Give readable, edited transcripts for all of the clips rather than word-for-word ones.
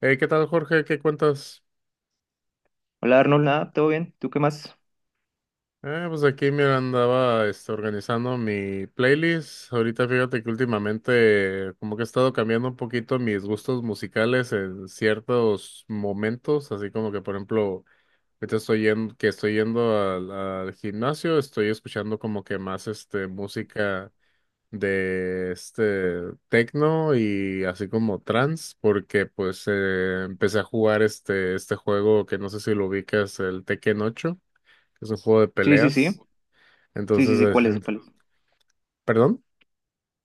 Hey, ¿qué tal, Jorge? ¿Qué cuentas? Hola Arnold, nada, ¿todo bien? ¿Tú qué más? Pues aquí, mira, andaba organizando mi playlist. Ahorita fíjate que últimamente como que he estado cambiando un poquito mis gustos musicales en ciertos momentos, así como que, por ejemplo, ahorita estoy yendo al gimnasio, estoy escuchando como que más música de este techno y así como trance, porque pues empecé a jugar este juego que no sé si lo ubicas, el Tekken 8. Que es un juego de Sí, sí, sí. peleas. Sí, sí, Entonces, sí, ¿cuál es? ¿Cuál es? ¿perdón?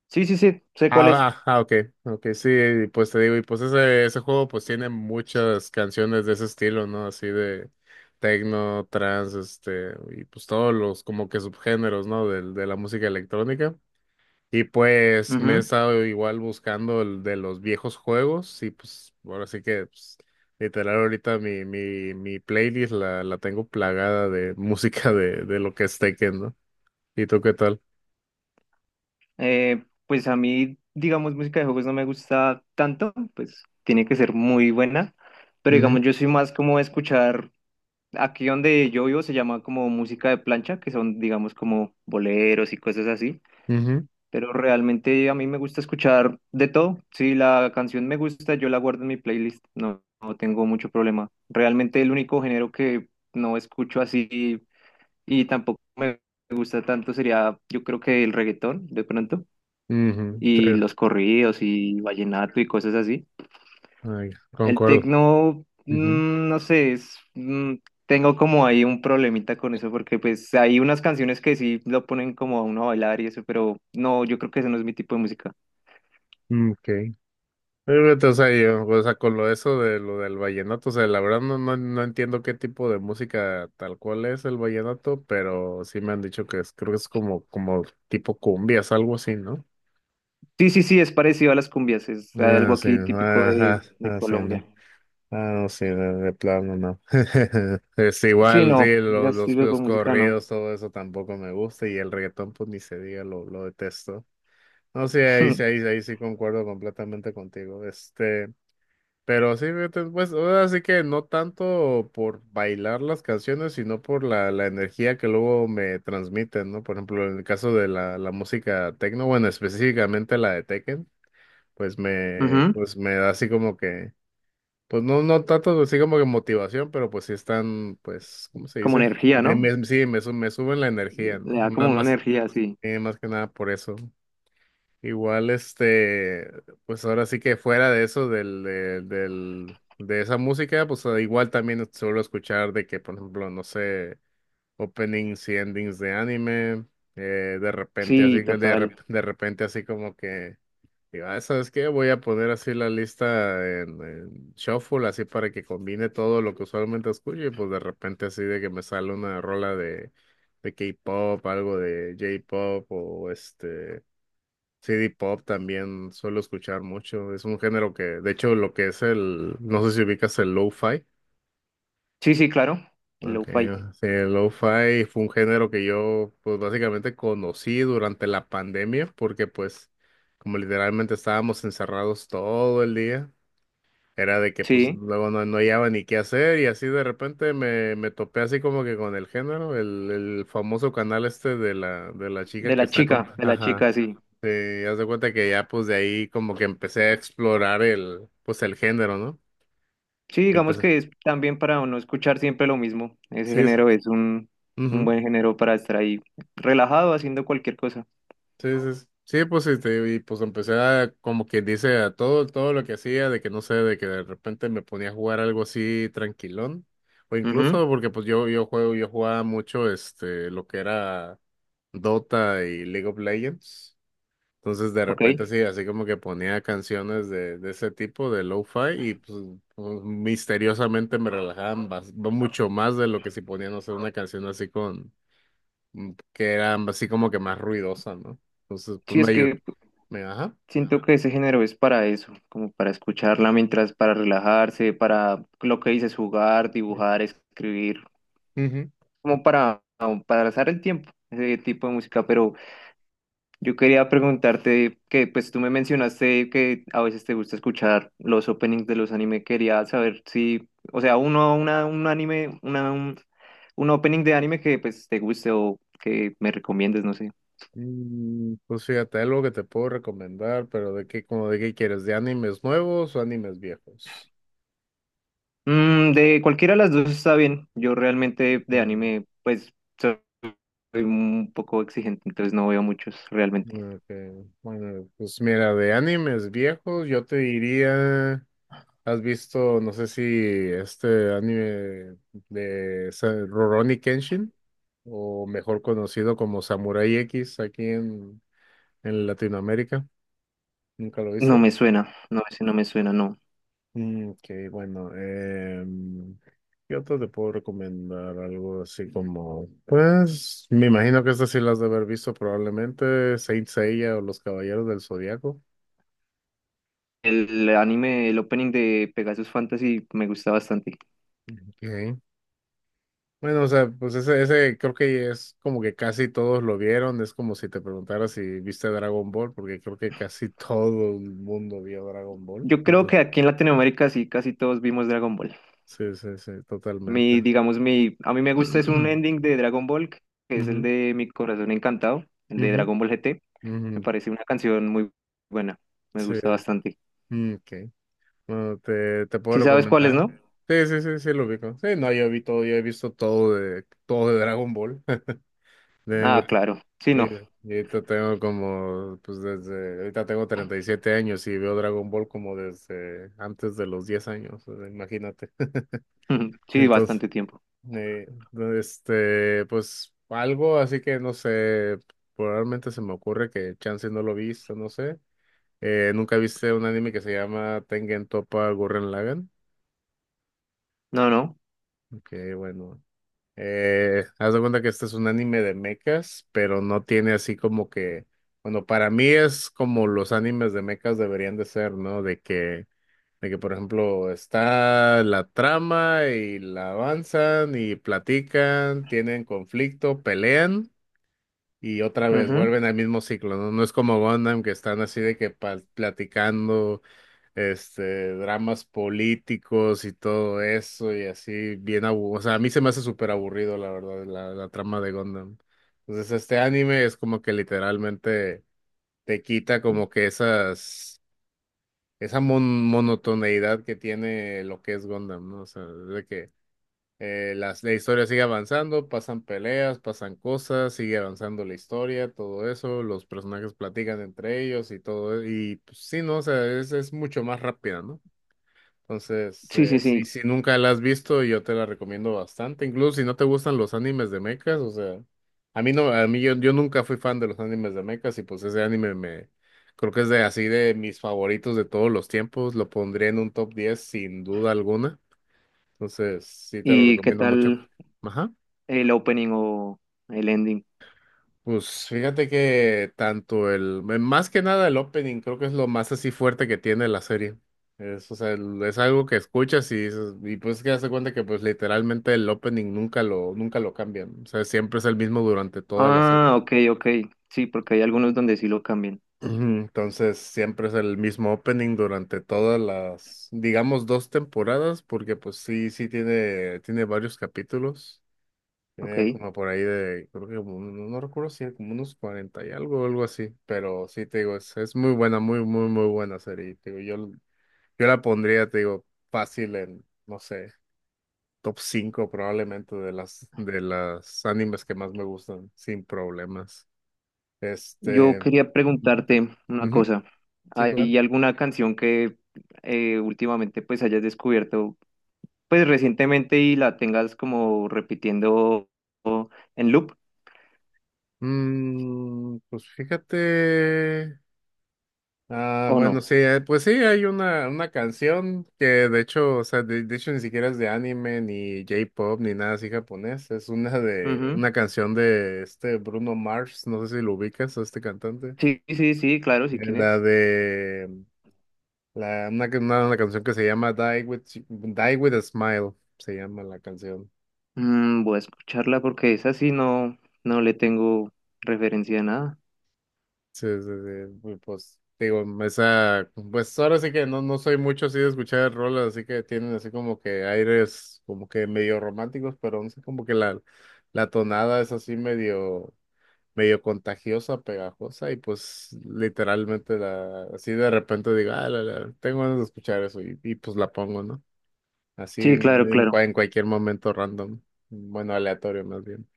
Sí, sí, sí, sé cuál Ah, es. ah, ah, ok, ok, sí, y pues te digo, y pues ese juego pues tiene muchas canciones de ese estilo, ¿no? Así de techno, trance, y pues todos los como que subgéneros, ¿no? De la música electrónica. Y pues me he Ujú. estado igual buscando el de los viejos juegos y pues ahora sí que pues, literal ahorita mi playlist la tengo plagada de música de lo que es Tekken, ¿no? ¿Y tú qué tal? Pues a mí, digamos, música de juegos no me gusta tanto, pues tiene que ser muy buena, pero Ujú, digamos, yo soy más como escuchar, aquí donde yo vivo se llama como música de plancha, que son, digamos, como boleros y cosas así. ujú, Pero realmente a mí me gusta escuchar de todo. Si la canción me gusta, yo la guardo en mi playlist. No, no tengo mucho problema. Realmente el único género que no escucho así y tampoco me gusta tanto sería, yo creo que el reggaetón, de pronto, ujú, y sí, los corridos y vallenato y cosas así. ay, El concuerdo. tecno, Ujú, mm, no sé, es, mm, tengo como ahí un problemita con eso porque pues hay unas canciones que sí lo ponen como a uno a bailar y eso, pero no, yo creo que ese no es mi tipo de música. mm, ok. Fíjate, o sea, yo, o sea, con lo eso de lo del vallenato, o sea, la verdad no, no, no entiendo qué tipo de música tal cual es el vallenato, pero sí me han dicho que es, creo que es como tipo cumbias, algo así, ¿no? Sí, sí, sí, es parecido a las cumbias, es Ah, algo sí, aquí típico ajá, de ah, sí, no. Colombia. Ah, no, sí, de plano no. Es Sí, igual, no, sí, los, es los, estilo de los música, no. corridos, todo eso tampoco me gusta, y el reggaetón, pues ni se diga, lo detesto. No sé, ahí sí, ahí, sí, ahí sí concuerdo completamente contigo. Pero sí, fíjate, pues, así que no tanto por bailar las canciones, sino por la energía que luego me transmiten, ¿no? Por ejemplo, en el caso de la música techno, bueno, específicamente la de Tekken, pues me, Ujú. pues me da así como que, pues no, no tanto así como que motivación, pero pues sí están, pues, ¿cómo se ¿Como dice? energía, Me, no? me- sí, me suben la energía, ¿no? Le da Más, como una más, energía, sí. eh, más que nada por eso. Igual, pues ahora sí que fuera de eso, del, de esa música, pues igual también suelo escuchar de que, por ejemplo, no sé, openings y endings de anime, de repente así, Sí, total. De repente así como que, digo, "Ah, ¿sabes qué? Voy a poner así la lista en shuffle, así para que combine todo lo que usualmente escucho, y pues de repente así de que me sale una rola de K-pop, algo de J-pop o este CD Pop también suelo escuchar mucho. Es un género que, de hecho, lo que es el, no sé si ubicas el lo-fi. Sí, sí, claro, el Okay. lo-fi. Sí, el lo-fi fue un género que yo, pues básicamente conocí durante la pandemia, porque pues, como literalmente estábamos encerrados todo el día, era de que pues Sí, luego no, no hallaba ni qué hacer y así de repente me topé así como que con el género, el famoso canal este de la chica que está como, de la ajá. chica, sí. Sí, haz de cuenta que ya pues de ahí como que empecé a explorar el género, ¿no? Sí, digamos Empecé. que es también para no escuchar siempre lo mismo. Ese Sí, sí, género es un ujú, buen género para estar ahí relajado haciendo cualquier cosa. sí, sí, sí. Sí, pues y pues empecé a como quien dice a todo, lo que hacía, de que no sé, de que de repente me ponía a jugar algo así tranquilón. O Ujú. incluso porque pues yo jugaba mucho lo que era Dota y League of Legends. Entonces de Ok. repente sí, así como que ponía canciones de ese tipo, de lo-fi, y misteriosamente me relajaban no mucho más de lo que si ponían, no sé, una canción así con, que era así como que más ruidosa, ¿no? Entonces pues Sí, es me ayudó, que ajá. siento que ese género es para eso, como para escucharla mientras, para relajarse, para lo que dices, jugar, dibujar, escribir, Ujú. como para pasar el tiempo, ese tipo de música. Pero yo quería preguntarte que, pues tú me mencionaste que a veces te gusta escuchar los openings de los anime. Quería saber si, o sea, uno, una, un anime, una, un opening de anime que pues te guste o que me recomiendes, no sé. Pues fíjate, algo que te puedo recomendar, pero de qué, como de qué quieres, ¿de animes nuevos o animes viejos? Mm, de cualquiera de las dos está bien. Yo realmente de Bueno, anime, pues, soy un poco exigente, entonces no veo muchos realmente. ok, bueno, pues mira, de animes viejos yo te diría... ¿Has visto, no sé si este anime de Rurouni Kenshin, o mejor conocido como Samurai X aquí en Latinoamérica? ¿Nunca lo No me viste? suena, no, ese no me suena, no. Mm, ok, bueno, ¿qué otro te puedo recomendar? Algo así como, pues, me imagino que estas sí las de haber visto probablemente, Saint Seiya o Los Caballeros del Zodiaco. El anime, el opening de Pegasus Fantasy me gusta bastante. Ok. Bueno, o sea, pues ese creo que es como que casi todos lo vieron. Es como si te preguntara si viste Dragon Ball, porque creo que casi todo el mundo vio Dragon Ball. Yo creo Entonces, que aquí en Latinoamérica sí, casi todos vimos Dragon Ball. sí, sí, sí, Mi, totalmente. digamos, mi, a mí me gusta es un ending de Dragon Ball, que es el Ujú, de Mi Corazón Encantado, el de ujú, Dragon Ball GT. ujú, Me parece una canción muy buena, me sí, gusta bastante. mm, ok. Bueno, te puedo ¿Sí sabes cuál es, no? recomendar. Sí, sí, sí, sí, lo ubico. Sí, no, yo vi todo, yo he visto todo de Dragon Ball. Tengo. Ah, claro, sí, Y, y no. ahorita tengo como, pues desde, ahorita tengo 37 años y veo Dragon Ball como desde antes de los 10 años, o sea, imagínate. Sí, Entonces, bastante tiempo. eh, pues algo así que no sé, probablemente se me ocurre que chance no lo viste, no sé. ¿Nunca viste un anime que se llama Tengen Toppa Gurren Lagann? No, no. Que bueno. Haz de cuenta que este es un anime de mechas, pero no tiene así como que, bueno, para mí es como los animes de mechas deberían de ser, ¿no? De que por ejemplo está la trama y la avanzan y platican, tienen conflicto, pelean y otra vez Ujú. vuelven al mismo ciclo, ¿no? No es como Gundam que están así de que platicando dramas políticos y todo eso, y así, bien aburrido. O sea, a mí se me hace súper aburrido, la verdad, la trama de Gundam. Entonces, este anime es como que literalmente te quita como que esas, esa monotoneidad que tiene lo que es Gundam, ¿no? O sea, de que la historia sigue avanzando, pasan peleas, pasan cosas, sigue avanzando la historia, todo eso, los personajes platican entre ellos y todo, y pues sí, ¿no? O sea, es mucho más rápida, ¿no? Entonces, Sí, sí, sí, sí. si nunca la has visto, yo te la recomiendo bastante. Incluso si no te gustan los animes de mechas, o sea, a mí no, a mí yo nunca fui fan de los animes de mechas y pues ese anime me, creo que es de así de mis favoritos de todos los tiempos. Lo pondría en un top 10 sin duda alguna. Entonces, sí te lo ¿Y qué recomiendo mucho. tal? Ajá. El opening o el ending. Pues fíjate que tanto más que nada el opening, creo que es lo más así fuerte que tiene la serie. Es, o sea, es algo que escuchas y pues que hace cuenta que pues literalmente el opening nunca lo cambian. O sea, siempre es el mismo durante toda la serie. Ah, ok, ok. Sí, porque hay algunos donde sí lo cambian. Ujú. Entonces, siempre es el mismo opening durante todas las, digamos, dos temporadas, porque pues sí, sí tiene varios capítulos. Tiene Ok. como por ahí de, creo que como, no, no recuerdo si era como unos 40 y algo así, pero sí, te digo, es muy buena, muy, muy, muy buena serie. Y te digo, yo, yo la pondría, te digo, fácil en, no sé, top 5 probablemente de las animes que más me gustan, sin problemas. Yo Este, quería Ujú, preguntarte una ujú, cosa. sí, claro. ¿Hay alguna canción que últimamente pues hayas descubierto pues recientemente y la tengas como repitiendo o- en loop Pues fíjate. Ah, o no? bueno, sí, pues sí, hay una canción que de hecho, o sea, de hecho ni siquiera es de anime, ni J-pop, ni nada así japonés. Es Ujú. una canción de este Bruno Mars, no sé si lo ubicas, a este cantante. Sí, sí, sí, claro, sí, ¿quién es? La de, la, Una canción que se llama Die with a Smile, se llama la canción. Mm, voy a escucharla porque esa sí no, no le tengo referencia a nada. Sí, sí, sí, pues digo, esa, pues ahora sí que no, no soy mucho así de escuchar rolas, así que tienen así como que aires como que medio románticos, pero no sé, como que la tonada es así medio, medio contagiosa, pegajosa, y pues literalmente la, así de repente digo, ah, tengo ganas de escuchar eso, y pues la pongo, ¿no? Así Sí, en, claro, en, claro. cua- en cualquier momento random, bueno, aleatorio más bien.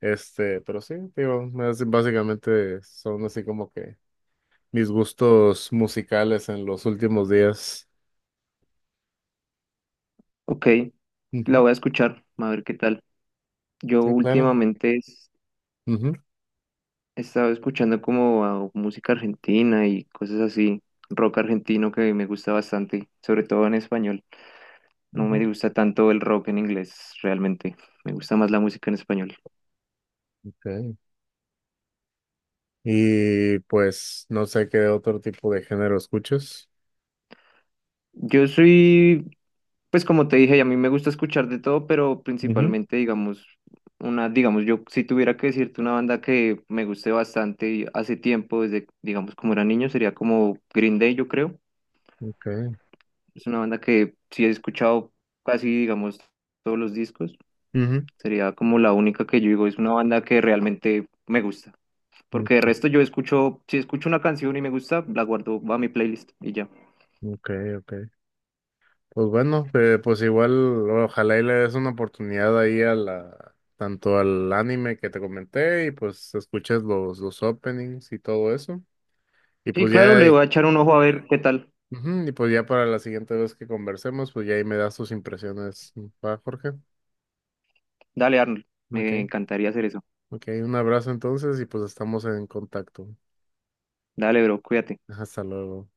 Pero sí, digo, básicamente son así como que mis gustos musicales en los últimos días. Ok, la Ujú, voy a escuchar, a ver qué tal. Yo sí, claro. últimamente Ujú, he estado escuchando como a música argentina y cosas así, rock argentino que me gusta bastante, sobre todo en español. No me ujú. gusta tanto el rock en inglés, realmente. Me gusta más la música en español. Ok. Y pues no sé qué otro tipo de género escuchas. Yo soy, pues como te dije, a mí me gusta escuchar de todo, pero Ujú, principalmente, digamos, una, digamos, yo si tuviera que decirte una banda que me guste bastante y hace tiempo, desde, digamos, como era niño, sería como Green Day, yo creo. ok. Es una banda que sí he escuchado casi, digamos, todos los discos. Ujú, Sería como la única que yo digo, es una banda que realmente me gusta. Porque de ok, resto yo escucho, si escucho una canción y me gusta, la guardo va a mi playlist y ya. ok, ok. Pues bueno, pues igual ojalá y le des una oportunidad ahí a tanto al anime que te comenté y pues escuches los openings y todo eso. Y Sí, pues claro, ya. le voy a echar un ojo a ver qué tal. Ujú. Y pues ya para la siguiente vez que conversemos, pues ya ahí me das tus impresiones, ¿va, Jorge? Dale, Arnold. Ok, Me encantaría hacer eso. ok, un abrazo entonces y pues estamos en contacto. Dale, bro, cuídate. Hasta luego.